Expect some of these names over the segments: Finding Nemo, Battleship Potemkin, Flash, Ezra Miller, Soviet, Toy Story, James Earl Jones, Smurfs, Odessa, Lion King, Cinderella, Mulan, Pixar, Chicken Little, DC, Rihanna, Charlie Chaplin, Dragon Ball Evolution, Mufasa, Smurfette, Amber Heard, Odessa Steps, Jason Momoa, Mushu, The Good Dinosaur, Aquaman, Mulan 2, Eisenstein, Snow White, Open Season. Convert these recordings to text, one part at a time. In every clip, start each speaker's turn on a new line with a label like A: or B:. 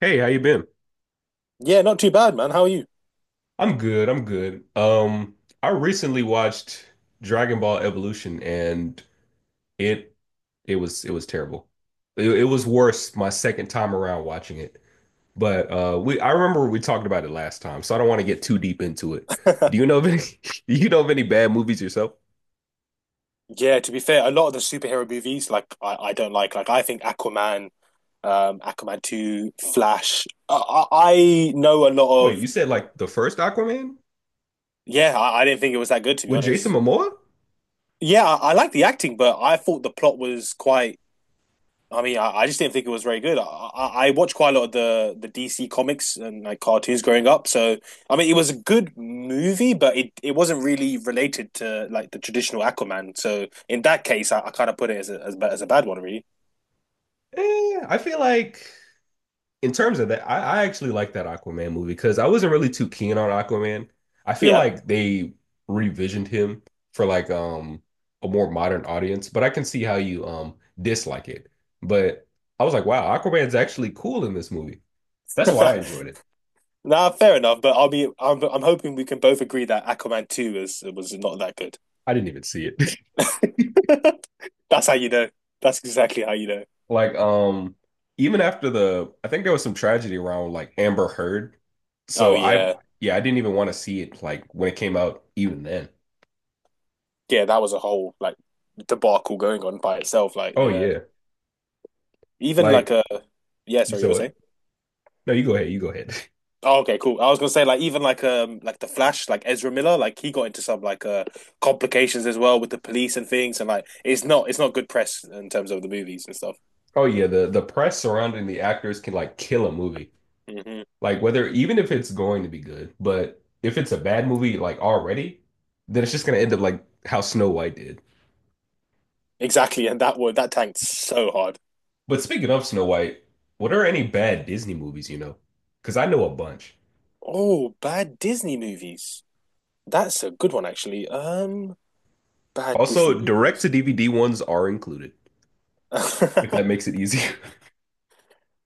A: Hey, how you been?
B: Yeah, not too bad, man. How are you?
A: I'm good. I'm good. I recently watched Dragon Ball Evolution and it it was terrible. It was worse my second time around watching it. But we I remember we talked about it last time, so I don't want to get too deep into it. Do you know of any do you know of any bad movies yourself?
B: Yeah, to be fair, a lot of the superhero movies, like I don't like. Like I think Aquaman, Aquaman 2, Flash. I know a lot
A: Wait,
B: of.
A: you said like the first Aquaman
B: Yeah, I didn't think it was that good, to be
A: with Jason
B: honest.
A: Momoa?
B: Yeah, I like the acting, but I thought the plot was quite. I mean, I just didn't think it was very good. I watched quite a lot of the DC comics and like cartoons growing up. So I mean, it was a good movie, but it wasn't really related to like the traditional Aquaman. So in that case, I kind of put it as as a bad one, really.
A: Eh, I feel like in terms of that, I actually like that Aquaman movie because I wasn't really too keen on Aquaman. I feel
B: Yeah,
A: like they revisioned him for like a more modern audience, but I can see how you dislike it. But I was like, wow, Aquaman's actually cool in this movie. That's why I enjoyed it.
B: nah, fair enough. But I'll be I'm hoping we can both agree that Aquaman 2 was not that good.
A: I didn't even see it.
B: That's how you know. That's exactly how you know.
A: Like even after the I think there was some tragedy around like Amber Heard.
B: Oh
A: So I
B: yeah,
A: yeah, I didn't even want to see it like when it came out even then.
B: yeah. That was a whole like debacle going on by itself. Like
A: Oh
B: yeah.
A: yeah.
B: Even
A: Like
B: like a, yeah,
A: you
B: sorry, you were
A: saw it.
B: saying?
A: No, you go ahead. You go ahead.
B: Oh, okay, cool. I was gonna say like even like the Flash, like Ezra Miller, like he got into some like complications as well with the police and things. And like it's not good press in terms of the movies and stuff.
A: Oh yeah, the press surrounding the actors can like kill a movie.
B: Hmm.
A: Like whether even if it's going to be good, but if it's a bad movie like already, then it's just gonna end up like how Snow White did.
B: Exactly, and that one that tanked so hard.
A: But speaking of Snow White, what are any bad Disney movies you know? Because I know a bunch.
B: Oh, bad Disney movies. That's a good one actually. Bad Disney
A: Also, direct to
B: movies.
A: DVD ones are included, if that makes it easier.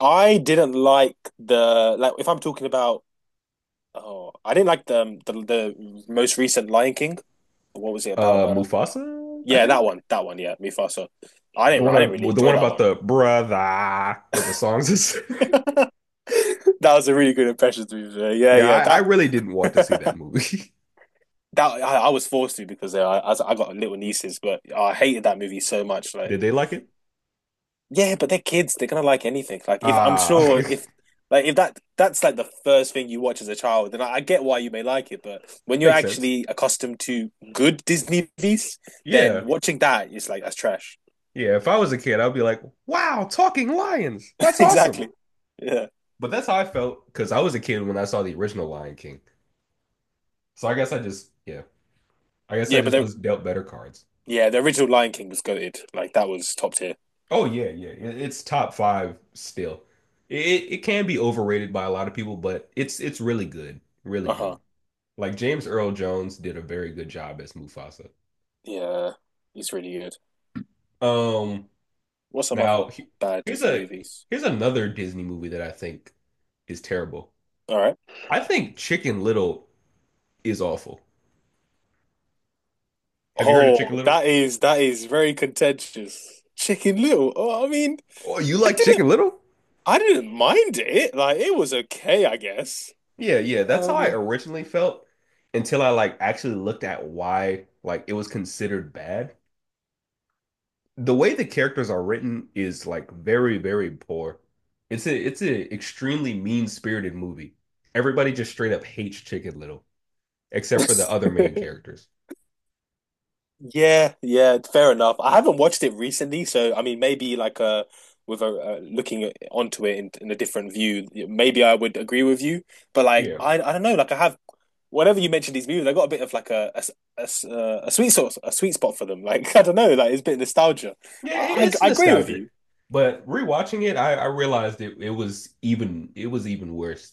B: I didn't like the, like if I'm talking about, oh, I didn't like the, the most recent Lion King. What was it about?
A: Mufasa, I
B: Yeah, that
A: think
B: one, yeah, Mufasa. I
A: the
B: didn't,
A: one
B: I didn't
A: of,
B: really
A: the
B: enjoy
A: one
B: that
A: about
B: one.
A: the brother with the songs is.
B: That was a really good impression to me. Yeah,
A: Yeah,
B: yeah,
A: I
B: that
A: really didn't want to see that
B: that
A: movie.
B: I was forced to because I got little nieces, but I hated that movie so much. Like,
A: Did they like it?
B: yeah, but they're kids; they're gonna like anything. Like, if I'm
A: Ah,
B: sure if like if that's like the first thing you watch as a child, then I get why you may like it. But when you're
A: makes sense.
B: actually accustomed to good Disney movies, then
A: Yeah.
B: watching that is like that's trash.
A: Yeah. If I was a kid, I'd be like, wow, talking lions. That's awesome.
B: Exactly. Yeah.
A: But that's how I felt because I was a kid when I saw the original Lion King. So I guess I just, yeah, I guess I
B: Yeah, but
A: just
B: they
A: was dealt better cards.
B: Yeah, the original Lion King was goated. Like that was top tier.
A: Oh, yeah. Yeah. It- It's top five still. It can be overrated by a lot of people, but it's really good. Really
B: Uh
A: good.
B: huh.
A: Like James Earl Jones did a very good job as Mufasa.
B: Yeah, he's really good.
A: Um,
B: What's some other
A: now he-
B: bad
A: Here's
B: Disney
A: a
B: movies?
A: here's another Disney movie that I think is terrible.
B: All right.
A: I think Chicken Little is awful. Have you heard of
B: Oh,
A: Chicken Little?
B: that is very contentious. Chicken Little. Oh, I mean,
A: Oh, you
B: I
A: like
B: didn't
A: Chicken Little?
B: I didn't mind it. Like it was okay, I guess.
A: Yeah, yeah, that's how I
B: Um,
A: originally felt until I like actually looked at why like it was considered bad. The way the characters are written is like very, very poor. It's a extremely mean-spirited movie. Everybody just straight up hates Chicken Little, except for the other main characters.
B: yeah, yeah, fair enough. I haven't watched it recently. So I mean, maybe like with a looking onto it in a different view, maybe I would agree with you. But like,
A: Yeah.
B: I don't know. Like, I have whenever you mention these movies, I got a bit of like a a sweet spot for them. Like I don't know, like it's a bit of nostalgia.
A: Yeah, it,
B: I,
A: it's
B: I I agree with
A: nostalgic.
B: you.
A: But rewatching it, I realized it was even it was even worse.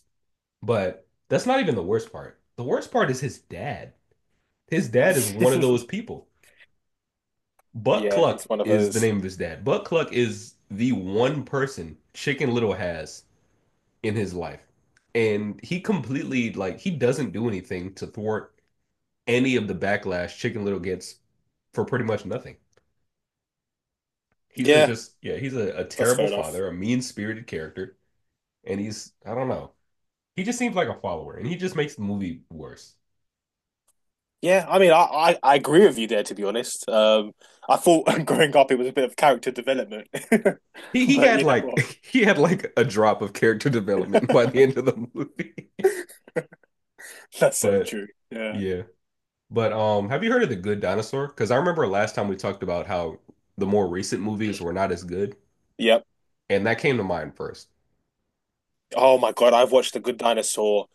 A: But that's not even the worst part. The worst part is his dad. His dad is one of those people. Buck
B: Yeah,
A: Cluck
B: it's one of
A: is the
B: those.
A: name of his dad. Buck Cluck is the one person Chicken Little has in his life. And he completely, like, he doesn't do anything to thwart any of the backlash Chicken Little gets for pretty much nothing. He's a
B: Yeah,
A: just, yeah, he's a
B: that's
A: terrible
B: fair enough.
A: father, a mean spirited character. And he's, I don't know. He just seems like a follower and he just makes the movie worse.
B: Yeah, I mean, I agree with you there, to be honest. I thought growing up it was a bit of character development,
A: He
B: but
A: had
B: you know
A: like
B: what?
A: he had like a drop of character development by the end of the movie.
B: That's so
A: But
B: true. Yeah.
A: yeah. But have you heard of The Good Dinosaur? Because I remember last time we talked about how the more recent movies were not as good,
B: Yep.
A: and that came to mind first.
B: Oh my God, I've watched The Good Dinosaur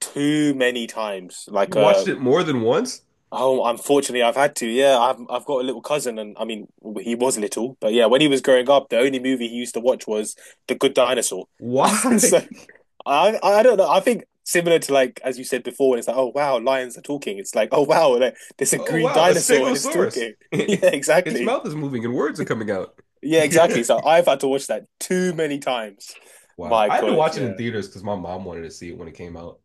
B: too many times.
A: You
B: Like,
A: watched it more than once?
B: oh, unfortunately, I've had to. Yeah, I've got a little cousin. And I mean, he was little, but yeah, when he was growing up, the only movie he used to watch was The Good Dinosaur. And so
A: Why?
B: I don't know. I think similar to like as you said before, when it's like, oh wow, lions are talking. It's like, oh wow, like, there's a
A: Oh
B: green
A: wow, a
B: dinosaur and it's
A: stegosaurus.
B: talking. Yeah,
A: Its
B: exactly.
A: mouth is moving and words are coming out.
B: Yeah, exactly. So I've had to watch that too many times.
A: Wow.
B: My
A: I had to
B: God,
A: watch it in
B: yeah.
A: theaters because my mom wanted to see it when it came out.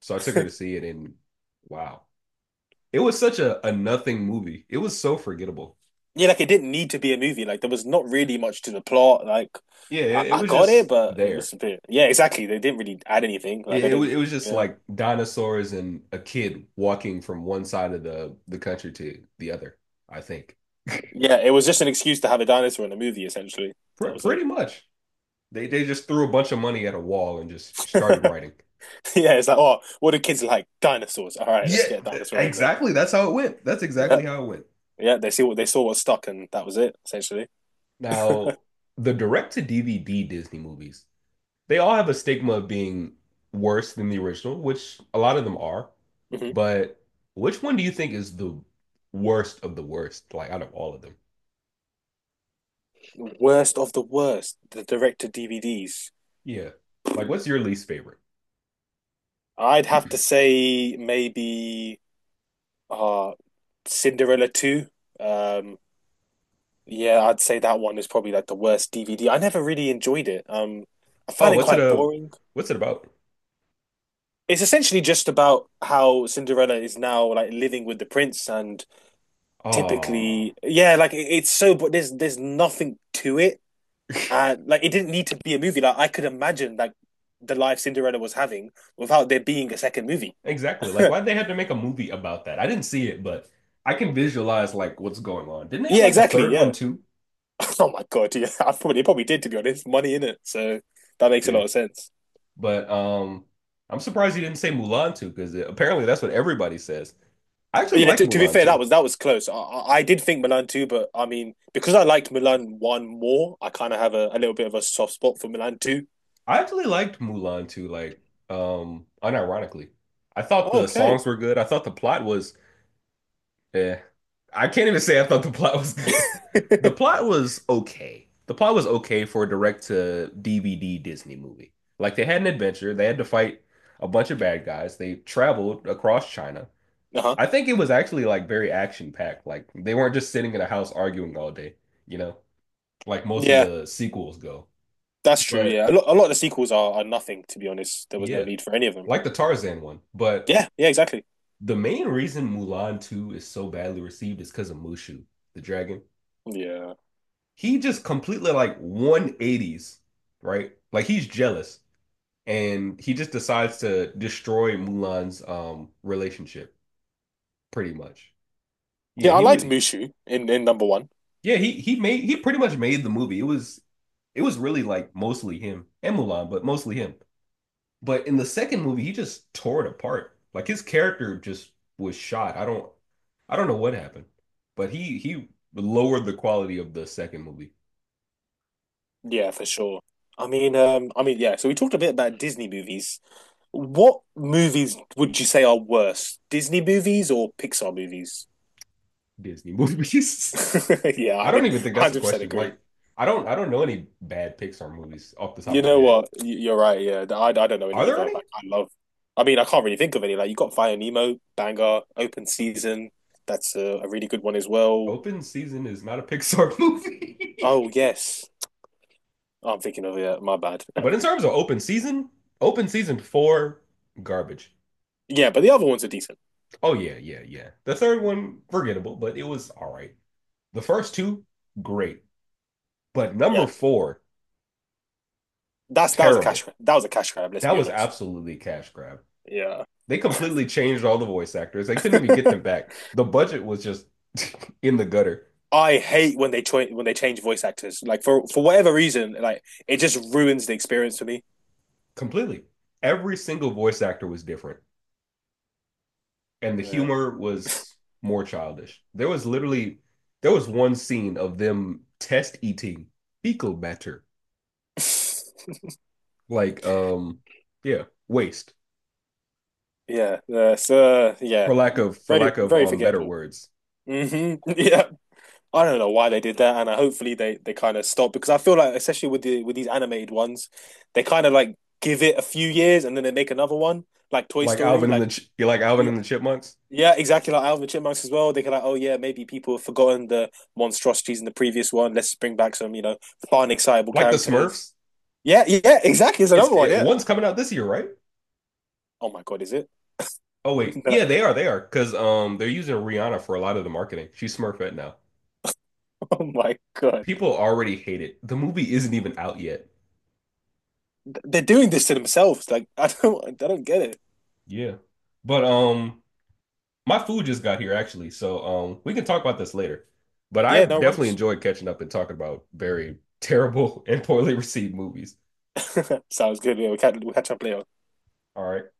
A: So I took her to see it and wow. It was such a nothing movie. It was so forgettable.
B: Yeah, like it didn't need to be a movie. Like there was not really much to the plot. Like
A: Yeah,
B: I,
A: it
B: I
A: was
B: got it,
A: just
B: but it
A: there.
B: was a bit. Yeah, exactly. They didn't really add anything. Like
A: It,
B: I
A: it,
B: didn't.
A: it was just
B: Yeah,
A: like dinosaurs and a kid walking from one side of the country to the other, I think.
B: yeah. It was just an excuse to have a dinosaur in a movie. Essentially, that was it.
A: Pretty much. They just threw a bunch of money at a wall and just started writing.
B: Yeah, it's like, oh, what do kids like? Dinosaurs. All right,
A: Yeah,
B: let's get a dinosaur in there.
A: exactly. That's how it went. That's
B: Yeah,
A: exactly how it went.
B: yeah. They saw what stuck, and that was it. Essentially,
A: Now, the direct to DVD Disney movies they all have a stigma of being worse than the original, which a lot of them are.
B: hmm
A: But which one do you think is the worst of the worst, like out of all of them?
B: worst of the worst. The director DVDs.
A: Yeah. Like what's your least favorite?
B: I'd have to say maybe uh Cinderella 2. Um, Yeah, I'd say that one is probably like the worst DVD. I never really enjoyed it. I
A: Oh,
B: find it quite boring.
A: what's it about?
B: It's essentially just about how Cinderella is now like living with the prince. And
A: Oh,
B: typically, yeah, like it's so, but there's nothing to it. And like it didn't need to be a movie. Like I could imagine like the life Cinderella was having without there being a second movie.
A: exactly. Like why'd they have to make a movie about that? I didn't see it, but I can visualize like what's going on. Didn't they have
B: Yeah,
A: like a
B: exactly.
A: third one
B: Yeah.
A: too?
B: Oh my God. Yeah, I probably it probably did, to be honest. Money in it, so that makes a
A: Yeah.
B: lot of sense.
A: But I'm surprised you didn't say Mulan 2 because apparently that's what everybody says. I actually
B: Yeah,
A: like
B: to be
A: Mulan
B: fair, that
A: 2.
B: was that was close. I did think Milan too, but I mean, because I liked Milan one more, I kind of have a little bit of a soft spot for Milan too.
A: I actually liked Mulan too, unironically. I thought the
B: Okay.
A: songs were good. I thought the plot was eh. I can't even say I thought the plot was good. The plot was okay. The plot was okay for a direct to DVD Disney movie. Like they had an adventure, they had to fight a bunch of bad guys. They traveled across China.
B: Uh-huh.
A: I think it was actually like very action packed. Like they weren't just sitting in a house arguing all day, you know, like most of
B: Yeah,
A: the sequels go.
B: that's true. Yeah,
A: But
B: a lot of the sequels are nothing. To be honest, there was no
A: yeah,
B: need for any of them.
A: like the Tarzan one. But
B: Yeah, yeah, exactly.
A: the main reason Mulan 2 is so badly received is because of Mushu, the dragon.
B: Yeah,
A: He just completely like 180s, right? Like he's jealous and he just decides to destroy Mulan's relationship pretty much. Yeah,
B: yeah, I
A: he
B: liked
A: would
B: Mushu in number one.
A: yeah, he made he pretty much made the movie. It was really like mostly him and Mulan, but mostly him. But in the second movie, he just tore it apart. Like his character just was shot. I don't know what happened, but he lowered the quality of the second movie,
B: Yeah, for sure. I mean, yeah. So we talked a bit about Disney movies. What movies would you say are worse, Disney movies or Pixar movies?
A: Disney movies.
B: Yeah,
A: I
B: I
A: don't even think that's a
B: 100%
A: question.
B: agree.
A: Like I don't know any bad Pixar movies off the top of
B: You
A: my
B: know
A: head.
B: what? You're right. Yeah, I don't know
A: Are
B: any
A: there
B: either.
A: any?
B: Like I love. I mean, I can't really think of any. Like you got Fire Nemo, Banger, Open Season. That's a really good one as well.
A: Open Season is not a Pixar
B: Oh
A: movie.
B: yes. Oh, I'm thinking of it. My bad.
A: But in terms of Open Season, Open Season 4 garbage.
B: Yeah, but the other ones are decent.
A: Oh yeah, yeah, yeah. The third one forgettable, but it was all right. The first two, great. But number
B: Yeah,
A: four,
B: that's that was a cash.
A: terrible.
B: That was a cash grab. Let's
A: That
B: be
A: was
B: honest.
A: absolutely a cash grab.
B: Yeah.
A: They completely changed all the voice actors. They couldn't even get them back. The budget was just in the gutter
B: I hate when they when they change voice actors. Like for whatever reason, like it just ruins the experience for me.
A: completely. Every single voice actor was different, and the
B: Yeah.
A: humor was more childish. There was literally there was one scene of them test eating fecal matter, like um, yeah, waste
B: Yeah. So yeah,
A: for
B: very
A: lack of
B: very
A: better
B: forgettable.
A: words,
B: Hmm. Yeah, I don't know why they did that. And hopefully they kind of stop, because I feel like, especially with the with these animated ones, they kind of like give it a few years and then they make another one, like Toy
A: like
B: Story,
A: Alvin and
B: like
A: the like Alvin
B: yeah,
A: and the Chipmunks.
B: yeah, exactly like Alvin and the Chipmunks as well. They can like, oh yeah, maybe people have forgotten the monstrosities in the previous one. Let's bring back some, fun, excitable
A: Like the
B: characters.
A: Smurfs.
B: Yeah, yeah, exactly. It's
A: It's
B: another one.
A: it,
B: Yeah.
A: one's coming out this year, right?
B: Oh my God, is it?
A: Oh wait, yeah,
B: No.
A: they are. They are because they're using Rihanna for a lot of the marketing. She's Smurfette now.
B: Oh my God,
A: People already hate it. The movie isn't even out yet.
B: they're doing this to themselves. Like I don't get it.
A: Yeah, but my food just got here actually, so we can talk about this later. But I
B: Yeah, no, right.
A: definitely enjoyed catching up and talking about very terrible and poorly received movies.
B: Sounds good. Yeah, we'll catch up later.
A: All right.